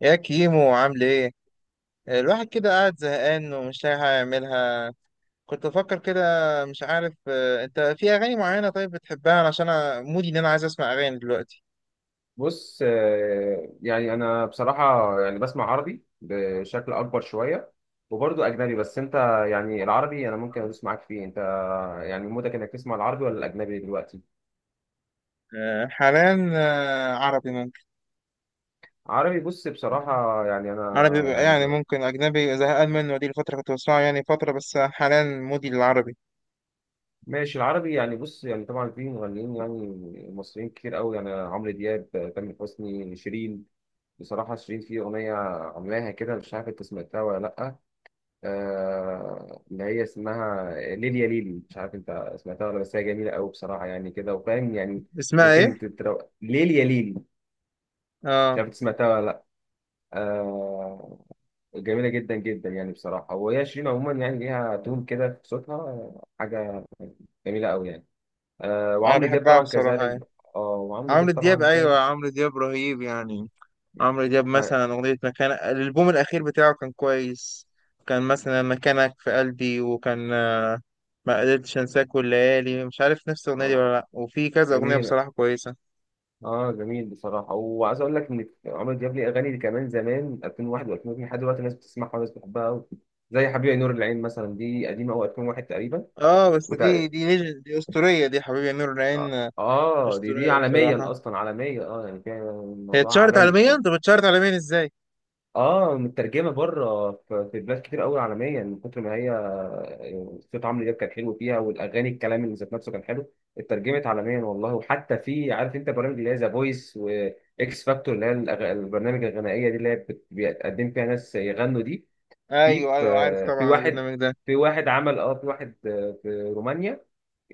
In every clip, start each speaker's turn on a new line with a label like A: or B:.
A: يا كيمو عامل ايه؟ الواحد كده قاعد زهقان ومش لاقي حاجة يعملها. كنت بفكر كده، مش عارف. انت في اغاني معينة طيب بتحبها؟ علشان انا مودي ان انا عايز اسمع اغاني دلوقتي.
B: بص يعني انا بصراحه يعني بسمع عربي بشكل اكبر شويه وبرضه اجنبي بس انت يعني العربي انا ممكن ادوس معاك فيه انت يعني مودك انك تسمع العربي ولا الاجنبي دلوقتي.
A: حاليا عربي ممكن.
B: عربي بص
A: آه،
B: بصراحه يعني
A: عربي
B: انا
A: بقى
B: يعني
A: يعني، ممكن اجنبي زهقان منه، دي الفترة كنت بسمعها يعني فترة، بس حاليا مودي للعربي.
B: ماشي العربي يعني بص يعني طبعا في مغنيين يعني مصريين كتير قوي يعني عمرو دياب تامر حسني شيرين. بصراحه شيرين في اغنيه عاملاها كده مش عارف انت سمعتها ولا لا. اللي هي اسمها ليليا ليلي مش عارف انت سمعتها ولا بس هي جميله قوي بصراحه يعني كده وفاهم يعني.
A: اسمها ايه؟
B: ليليا ليلي مش
A: اه،
B: عارف انت سمعتها ولا لا. آه، جميله جدا جدا يعني بصراحه وهي شيرين عموما يعني ليها تون كده في صوتها، حاجه جميله قوي يعني. آه،
A: انا
B: وعمرو دياب
A: بحبها
B: طبعا
A: بصراحة
B: كذلك.
A: يعني.
B: اه وعمرو
A: عمرو
B: دياب
A: دياب،
B: طبعا
A: ايوه،
B: فاهم.
A: عمرو دياب رهيب يعني. عمرو دياب مثلا أغنية مكانة، الألبوم الأخير بتاعه كان كويس. كان مثلا مكانك في قلبي، وكان ما قدرتش أنساك والليالي، مش عارف نفس الأغنية دي
B: آه،
A: ولا لأ، وفي كذا أغنية
B: جميل.
A: بصراحة كويسة.
B: اه جميل بصراحه وعايز اقول لك ان عمرو دياب ليه اغاني كمان زمان 2001 و2002 لحد دلوقتي الناس بتسمعها والناس بتحبها قوي. زي حبيبي يا نور العين مثلا دي قديمه قوي 2001 تقريبا.
A: اه بس دي
B: وتق...
A: دي نجم، دي أسطورية دي، حبيبي يا نور العين
B: اه آه، دي
A: أسطورية بصراحة.
B: عالميا اصلا عالميه اه يعني فيها
A: هي
B: الموضوع
A: اتشهرت
B: عالمي
A: عالميا،
B: بصراحه.
A: طب اتشهرت عالميا ازاي؟
B: اه مترجمه بره في بلاد كتير قوي عالميا من كتر ما هي يعني صوت عمرو دياب كان حلو فيها والاغاني الكلام اللي ذات نفسه كان حلو اترجمت عالميا والله. وحتى في عارف انت برامج اللي هي ذا فويس واكس فاكتور اللي هي البرنامج الغنائيه دي اللي هي بيقدم فيها ناس يغنوا دي. في
A: أيوه أيوه، عارف
B: في في
A: طبعا
B: واحد
A: البرنامج ده.
B: في واحد عمل اه في واحد آه، في رومانيا،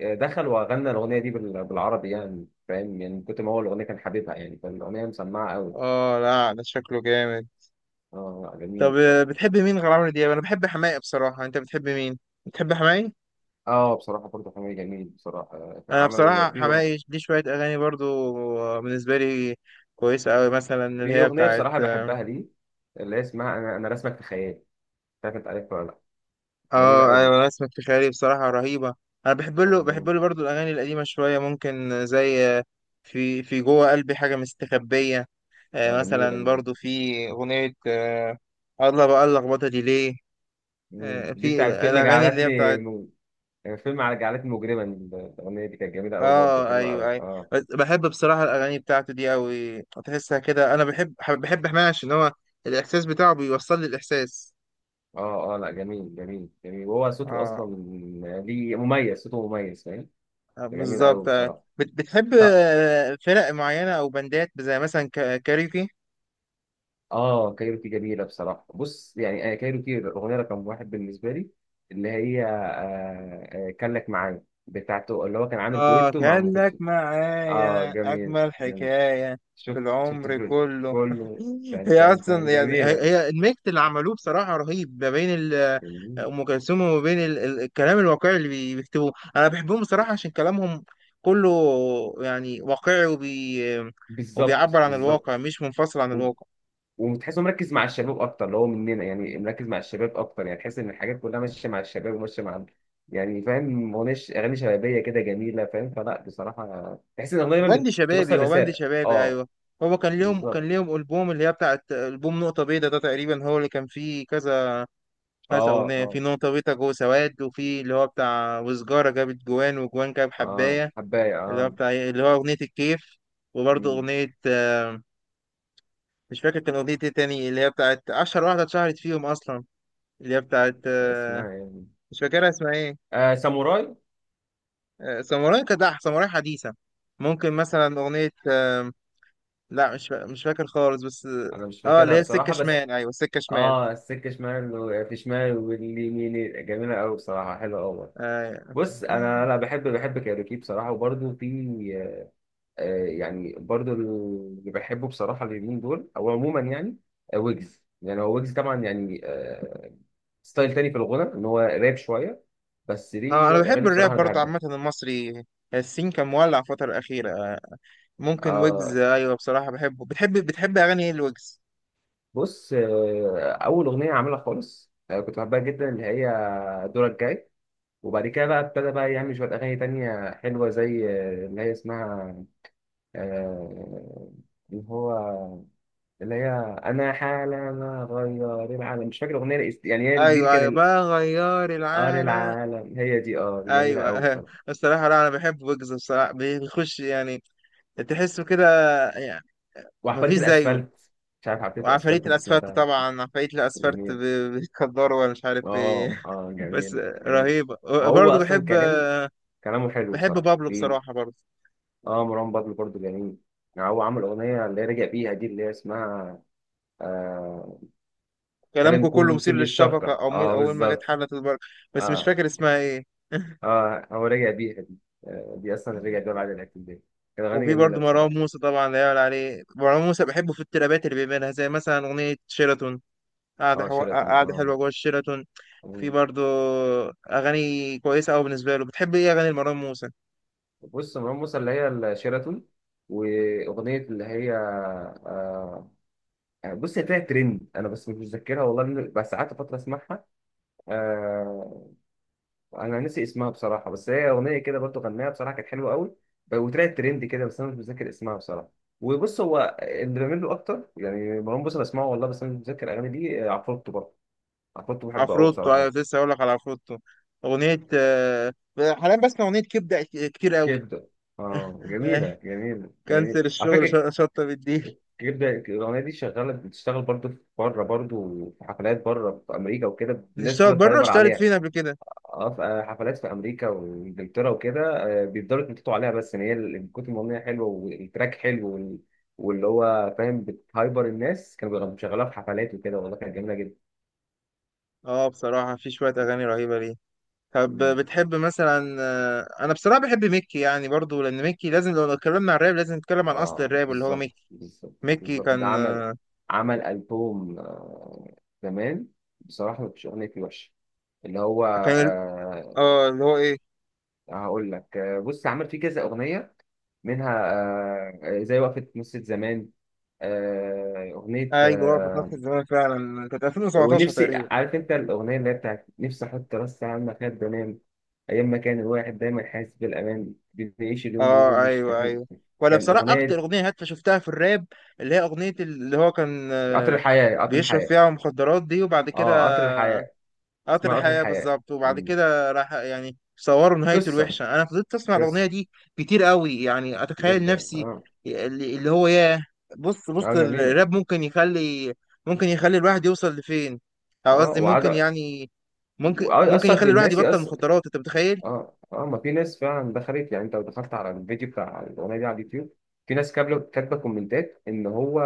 B: آه، دخل وغنى الاغنيه دي بالعربي يعني فاهم يعني من كتر ما هو الاغنيه كان حبيبها يعني فالاغنيه مسمعه قوي.
A: اه لا، ده شكله جامد.
B: اه جميله
A: طب
B: بصراحه.
A: بتحب مين غير عمرو دياب؟ أنا بحب حماقي بصراحة، أنت بتحب مين؟ بتحب حماقي؟
B: اه بصراحة برضه حميد جميل بصراحة كان
A: انا
B: عمل
A: بصراحه حماقي ليه شويه اغاني برضو بالنسبه لي كويسه قوي، مثلا اللي
B: في
A: هي
B: أغنية
A: بتاعت.
B: بصراحة بحبها ليه اللي هي اسمها أنا رسمك في خيالي مش عارف أنت عارفها ولا لأ. جميلة
A: اه
B: أوي.
A: ايوه، نسمة في خيالي بصراحه رهيبه. انا بحب له بحب
B: اه
A: له برضو الاغاني القديمه شويه ممكن، زي في جوه قلبي حاجه مستخبيه.
B: آه، جميلة
A: مثلا
B: دي برضه.
A: برضو في اغنيه الله بقى اللخبطه دي ليه.
B: دي
A: في
B: بتاعت
A: الاغاني اللي هي بتاعت.
B: يعني فيلم على جعلتني مجرما. الأغنية دي كانت جميلة أوي برضه
A: اه
B: حلوة
A: ايوه
B: أوي
A: ايوه.
B: اه
A: بس بحب بصراحه الاغاني بتاعته دي قوي، تحسها كده، انا بحب حماقي عشان هو الاحساس بتاعه بيوصل لي الاحساس.
B: اه. اه لا جميل وهو صوته
A: اه،
B: أصلا ليه مميز، صوته مميز فاهم. جميل أوي
A: بالظبط.
B: بصراحة.
A: بتحب
B: طب
A: فرق معينه او بندات، زي مثلا كاريوكي.
B: اه كايروكي جميله بصراحه. بص يعني آه كايروكي الاغنيه رقم واحد بالنسبه لي، اللي هي كان لك معايا بتاعته اللي هو كان عامل
A: آه
B: دويتو مع ام
A: كان لك
B: كلثوم. اه
A: معايا،
B: جميل
A: أجمل
B: جميل
A: حكاية في
B: شفت
A: العمر
B: الفيديو
A: كله.
B: كله. تن
A: هي
B: تن تن
A: أصلا يعني، هي
B: جميله.
A: هي الميكس اللي عملوه بصراحة رهيب، ما بين
B: جميل.
A: أم كلثوم، وما بين الكلام الواقعي اللي بيكتبوه. أنا بحبهم بصراحة عشان كلامهم كله يعني واقعي، وبي
B: بالظبط
A: وبيعبر عن الواقع،
B: بالظبط
A: مش منفصل عن الواقع.
B: وتحسه مركز مع الشباب اكتر اللي هو مننا، يعني مركز مع الشباب اكتر، يعني تحس ان الحاجات كلها ماشيه مع الشباب وماشيه مع، يعني فاهم، مغنيش اغاني شبابيه كده جميله فاهم فلا بصراحه تحس ان الاغنيه دايما
A: بند شبابي،
B: بتوصل
A: هو بند
B: رساله.
A: شبابي
B: اه
A: أيوه. هو كان ليهم كان
B: بالظبط.
A: ليهم ألبوم، اللي هي بتاعت ألبوم نقطة بيضاء ده، تقريبا هو اللي كان فيه كذا كانت
B: اه
A: أغنية في
B: اه.
A: نقطة جو سواد، وفي اللي هو بتاع وسجارة جابت جوان وجوان جاب
B: اه
A: حباية،
B: حبايه
A: اللي هو
B: اه.
A: بتاع اللي هو أغنية الكيف. وبرضه
B: مم.
A: أغنية مش فاكر كان أغنية إيه تاني، اللي هي بتاعت أشهر واحدة اتشهرت فيهم أصلا، اللي هي بتاعت
B: اسمها يعني
A: مش فاكرها اسمها إيه.
B: آه ساموراي.
A: ساموراي، كدح ساموراي حديثة. ممكن مثلا أغنية لا، مش فاكر خالص بس.
B: انا مش
A: اه اللي
B: فاكرها
A: هي السكة
B: بصراحه بس.
A: شمال، أيوه السكة شمال.
B: اه السكه شمال في شمال واليمين، جميله قوي بصراحه حلوه قوي.
A: آه.
B: بص انا لا بحب كايروكي بصراحه. وبرده في آه، يعني برضو اللي بحبه بصراحة اليومين دول أو عموما يعني، آه، ويجز. يعني ويجز طبعا يعني آه، ستايل تاني في الغنى إن هو راب شوية بس ليه
A: اه أنا
B: شوية
A: بحب
B: أغاني بصراحة
A: الراب
B: أنا
A: برضه
B: بحبها.
A: عامة، المصري السين كان مولع الفترة الأخيرة. ممكن ويجز،
B: آه
A: ايوه بصراحه بحبه. بتحب اغاني ايه الويجز؟
B: بص آه، أول أغنية عاملها خالص آه، كنت بحبها جدا اللي هي دورك جاي. وبعد كده بقى ابتدى بقى يعمل شوية أغاني تانية حلوة زي آه، اللي هي اسمها آه، اللي هو اللي هي انا حالة ما غير العالم. مش فاكر الاغنيه يعني هي دي اللي
A: ايوه ايوه،
B: كان
A: بغير
B: ار
A: العالم.
B: العالم. هي دي، اه جميله قوي
A: ايوه.
B: بصراحه.
A: بصراحه لا، انا بحب ويجز بصراحه، بيخش يعني، تحسه كده يعني، مفيش
B: وعبقريه
A: زيه.
B: الاسفلت، مش عارف عبقريه
A: وعفاريت
B: الاسفلت انت
A: الاسفلت
B: سمعتها.
A: طبعا، عفاريت الاسفلت
B: جميل.
A: بيتكدروا ولا مش عارف
B: اه
A: ايه.
B: اه
A: بس
B: جميل.
A: رهيبه.
B: هو
A: برضه
B: اصلا
A: بحب،
B: كلام، كلامه حلو
A: بحب
B: بصراحه
A: بابلو
B: ليك.
A: بصراحه برضه.
B: اه مروان بابلو برضه جميل. يعني هو عمل اغنيه اللي رجع بيها دي اللي هي اسمها آه كلام
A: كلامكم كله
B: كله
A: مثير
B: مثير
A: للشفقه،
B: للشفقه.
A: او
B: اه
A: اول ما جت
B: بالظبط.
A: حلت البر. بس مش
B: اه
A: فاكر اسمها ايه.
B: اه هو رجع بيها دي. آه دي اصلا رجع بيها بعد الاعتداء. كانت اغاني
A: وفي
B: جميله
A: برضه مروان
B: بصراحه.
A: موسى طبعا، لا يعلى عليه مروان موسى، بحبه في الترابات اللي بيعملها، زي مثلا أغنية شيراتون،
B: اه شيراتون
A: قاعدة
B: اه.
A: حلوة جوه الشيراتون. في
B: آه.
A: برضه أغاني كويسة أوي بالنسبة له. بتحب إيه أغاني مروان موسى؟
B: بص مروان موسى اللي هي الشيراتون، واغنيه اللي هي آه بص هي طلعت ترند انا بس مش متذكرها والله، لأن بس قعدت فتره اسمعها آه. انا ناسي اسمها بصراحه، بس هي اغنيه كده برضو غناها بصراحه كانت حلوه قوي وطلعت ترند كده بس انا مش متذكر اسمها بصراحه. وبص هو اللي بعمل له اكتر يعني مروان موسى بسمعه والله بس انا مش متذكر اغاني دي. آه، عفروتو برضه. عفروتو بحبه قوي
A: عفروتو
B: بصراحه
A: أيوة، كنت
B: برضه.
A: لسه هقول لك على عفروتو. أغنية حاليا بسمع أغنية كبدة كتير أوي.
B: كبده، اه
A: آه،
B: جميله
A: كنسل
B: على
A: الشغل،
B: فكره.
A: شطة بالديل.
B: غير ده الأغنية دي شغالة، بتشتغل برضه في بره برضه، في حفلات بره في أمريكا وكده، الناس
A: بتشتغل
B: بتفضل
A: بره؟
B: تعبر
A: اشتغلت
B: عليها.
A: فين قبل كده؟
B: اه في آه، حفلات في أمريكا وإنجلترا وكده، آه، بيفضلوا يتنططوا عليها، بس إن هي من كتر ما الأغنية حلوة والتراك حلو واللي هو فاهم بتهايبر، الناس كانوا بيشغلوها في حفلات وكده والله، كانت جميلة جدا.
A: اه بصراحة في شوية أغاني رهيبة ليه. طب
B: مم.
A: بتحب مثلا، انا بصراحه بحب ميكي يعني برضو، لان ميكي لازم، لو اتكلمنا عن الراب لازم نتكلم عن اصل
B: اه
A: الراب اللي هو
B: بالظبط
A: ميكي.
B: بالظبط
A: ميكي
B: بالظبط ده
A: كان
B: عمل، عمل ألبوم آه، زمان، بصراحة مفيش أغنية فيه وحشة. اللي هو
A: كان
B: آه،
A: اه اللي هو ايه،
B: هقول لك آه، بص عمل فيه كذا اغنيه منها آه، آه، زي وقفه نص زمان، آه، اغنيه
A: ايوه هو في نفس
B: آه،
A: الزمان فعلا، كانت 2017
B: ونفسي
A: تقريبا.
B: عارف انت الاغنيه اللي هي بتاعت نفسي احط راسي على المخده وانام ايام ما كان الواحد دايما حاسس بالامان بنعيش اليوم بيوم.
A: اه
B: مش
A: ايوه
B: فاكر
A: ايوه، ولا
B: كان
A: بصراحه اكتر
B: اغنيه
A: اغنيه هادفه شفتها في الراب، اللي هي اغنيه اللي هو كان
B: قطر الحياه قطر
A: بيشرب
B: الحياه
A: فيها مخدرات دي، وبعد
B: اه
A: كده
B: قطر الحياه.
A: قطر
B: اسمها قطر
A: الحياة
B: الحياه.
A: بالظبط، وبعد
B: مم.
A: كده راح يعني صوروا نهايته
B: قصه
A: الوحشة. أنا فضلت أسمع الأغنية
B: قصه
A: دي كتير قوي يعني، أتخيل
B: جدا.
A: نفسي
B: اه
A: اللي هو ياه. بص
B: اه
A: بص
B: جميله.
A: الراب ممكن يخلي، ممكن يخلي الواحد يوصل لفين، أو
B: اه
A: قصدي ممكن يعني، ممكن
B: وعايز
A: ممكن
B: اثر
A: يخلي الواحد
B: بالناس.
A: يبطل مخدرات، أنت متخيل؟
B: اه اه ما في ناس فعلا دخلت، يعني انت لو دخلت على الفيديو بتاع الاغنيه دي على اليوتيوب، في ناس كاتبه كومنتات ان هو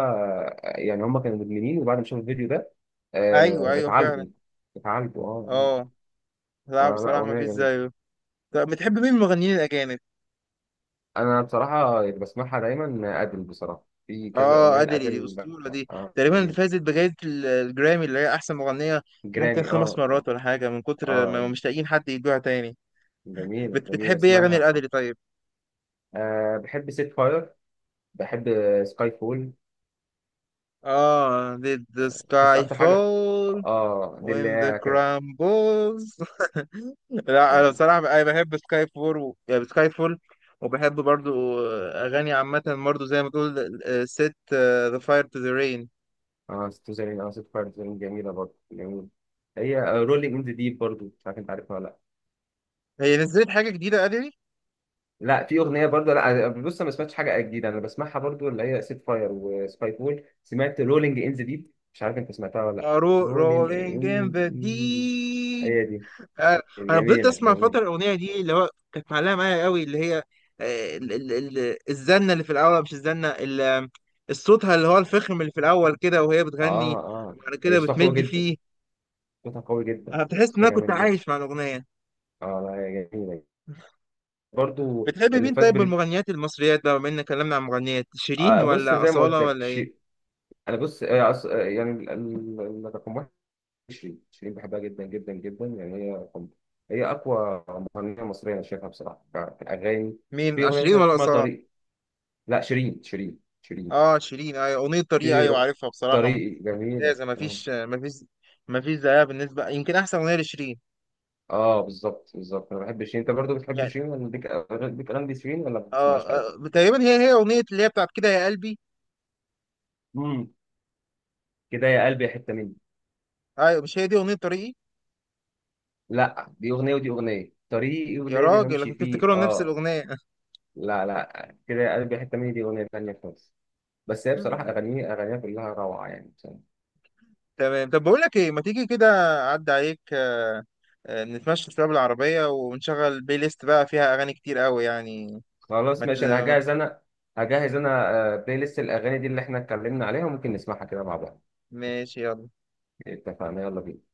B: يعني هم كانوا مدمنين، وبعد ما شافوا الفيديو ده
A: أيوه
B: آه
A: أيوه
B: اتعالجوا.
A: فعلا.
B: اتعالجوا اه.
A: أه
B: آه.
A: لا
B: آه، لا
A: بصراحة ما
B: اغنيه
A: فيش
B: جميله.
A: زيه. طب بتحب مين من المغنيين الأجانب؟
B: انا بصراحه اللي بسمعها دايما ادل بصراحه، في كذا
A: اه
B: اغنيه
A: ادلي دي
B: لادل.
A: اسطوره دي،
B: اه
A: تقريبا اللي
B: جميل.
A: فازت بجائزه الجرامي، اللي هي احسن مغنيه ممكن
B: جرامي
A: خمس
B: اه اه.
A: مرات ولا حاجه، من كتر ما
B: آه،
A: مش لاقيين حد يدوها تاني.
B: جميله جميله
A: بتحب ايه اغاني
B: اسمها
A: الادلي طيب؟
B: آه بحب سيت فاير، بحب سكاي فول
A: اه did the
B: بس
A: sky
B: اكتر حاجه.
A: fall
B: اه دي
A: when
B: اللي
A: the
B: هي
A: crumbles. لا انا
B: كانت
A: بصراحه انا بحب سكاي فول و... يعني سكاي فول، وبحب برضو اغاني عامه برضو، زي ما تقول set the fire to the rain.
B: اه ست زرين اه ست فاير زرين، جميلة برضه جميلة. هي رولينج ان ذا ديب برضه، مش عارف انت عارفها ولا لا.
A: هي نزلت حاجه جديده ادلي؟
B: لا في اغنية برضه لا آه، بص أنا ما سمعتش حاجة جديدة، انا بسمعها برضه اللي هي ست فاير وسبايك وول. سمعت رولينج ان ذا ديب مش عارف انت سمعتها ولا لا. رولينج
A: Rolling in the
B: ان، هي
A: deep.
B: دي،
A: آه، انا فضلت
B: جميلة
A: اسمع
B: جميلة.
A: فتره الاغنيه دي، اللي هو كانت معلقه معايا قوي، اللي هي آه، ال- ال- الزنه اللي في الاول، مش الزنه الصوتها اللي هو الفخم اللي في الاول كده وهي
B: اه
A: بتغني،
B: اه
A: وبعد
B: هي
A: كده
B: صوتها قوي
A: بتمد
B: جدا،
A: فيه.
B: صوتها قوي جدا،
A: انا بتحس ان
B: صوتها
A: انا كنت
B: جميل جدا.
A: عايش مع الاغنيه.
B: اه لا هي جميلة. برضو
A: بتحب
B: اللي
A: مين
B: فاز
A: طيب من
B: بال
A: المغنيات المصريات بقى، بما اننا اتكلمنا عن مغنيات؟ شيرين
B: آه بص
A: ولا
B: زي ما قلت
A: اصاله
B: لك
A: ولا ايه؟
B: شيء انا بص يعني رقم واحد شيرين بحبها جدا جدا جدا. يعني هي رقم، هي اقوى مغنيه مصريه انا شايفها بصراحه في الاغاني.
A: مين
B: في اغنيه
A: شيرين
B: مثلا
A: ولا
B: اسمها
A: اصاله؟
B: طريق، لا شيرين.
A: اه شيرين، ايوه اغنيه طريق،
B: في
A: ايوه
B: أغ-
A: عارفها بصراحه،
B: طريقي جميله
A: ممتازه،
B: اه.
A: مفيش مفيش زيها بالنسبه، يمكن احسن اغنيه لشيرين
B: آه، بالظبط بالظبط انا بحب شيرين. انت برضو بتحب
A: يعني.
B: شيرين ولا ليك ليك اغاني شيرين ولا ما بتسمعهاش قوي؟
A: تقريبا هي أغنية اللي هي بتاعت كده يا قلبي.
B: امم. كده يا قلبي يا حته مني.
A: أيوة مش هي دي أغنية طريقي؟
B: لا دي اغنيه، ودي اغنيه طريقي
A: يا
B: ولازم
A: راجل، أنا
B: امشي
A: كنت
B: فيه
A: أفتكرهم نفس
B: اه.
A: الأغنية.
B: لا لا، كده يا قلبي يا حته مني دي اغنيه ثانيه خالص. بس هي بصراحه اغانيها كلها روعه يعني.
A: تمام، طب بقول لك إيه، ما تيجي كده أعدي عليك نتمشى شوية بالعربية ونشغل بلاي ليست بقى فيها أغاني كتير قوي يعني.
B: خلاص
A: ما ت...
B: ماشي انا هجهز. انا هجهز آه، بلاي ليست الاغاني دي اللي احنا اتكلمنا عليها، وممكن نسمعها كده مع بعض.
A: ماشي يلا
B: اتفقنا، يلا بينا.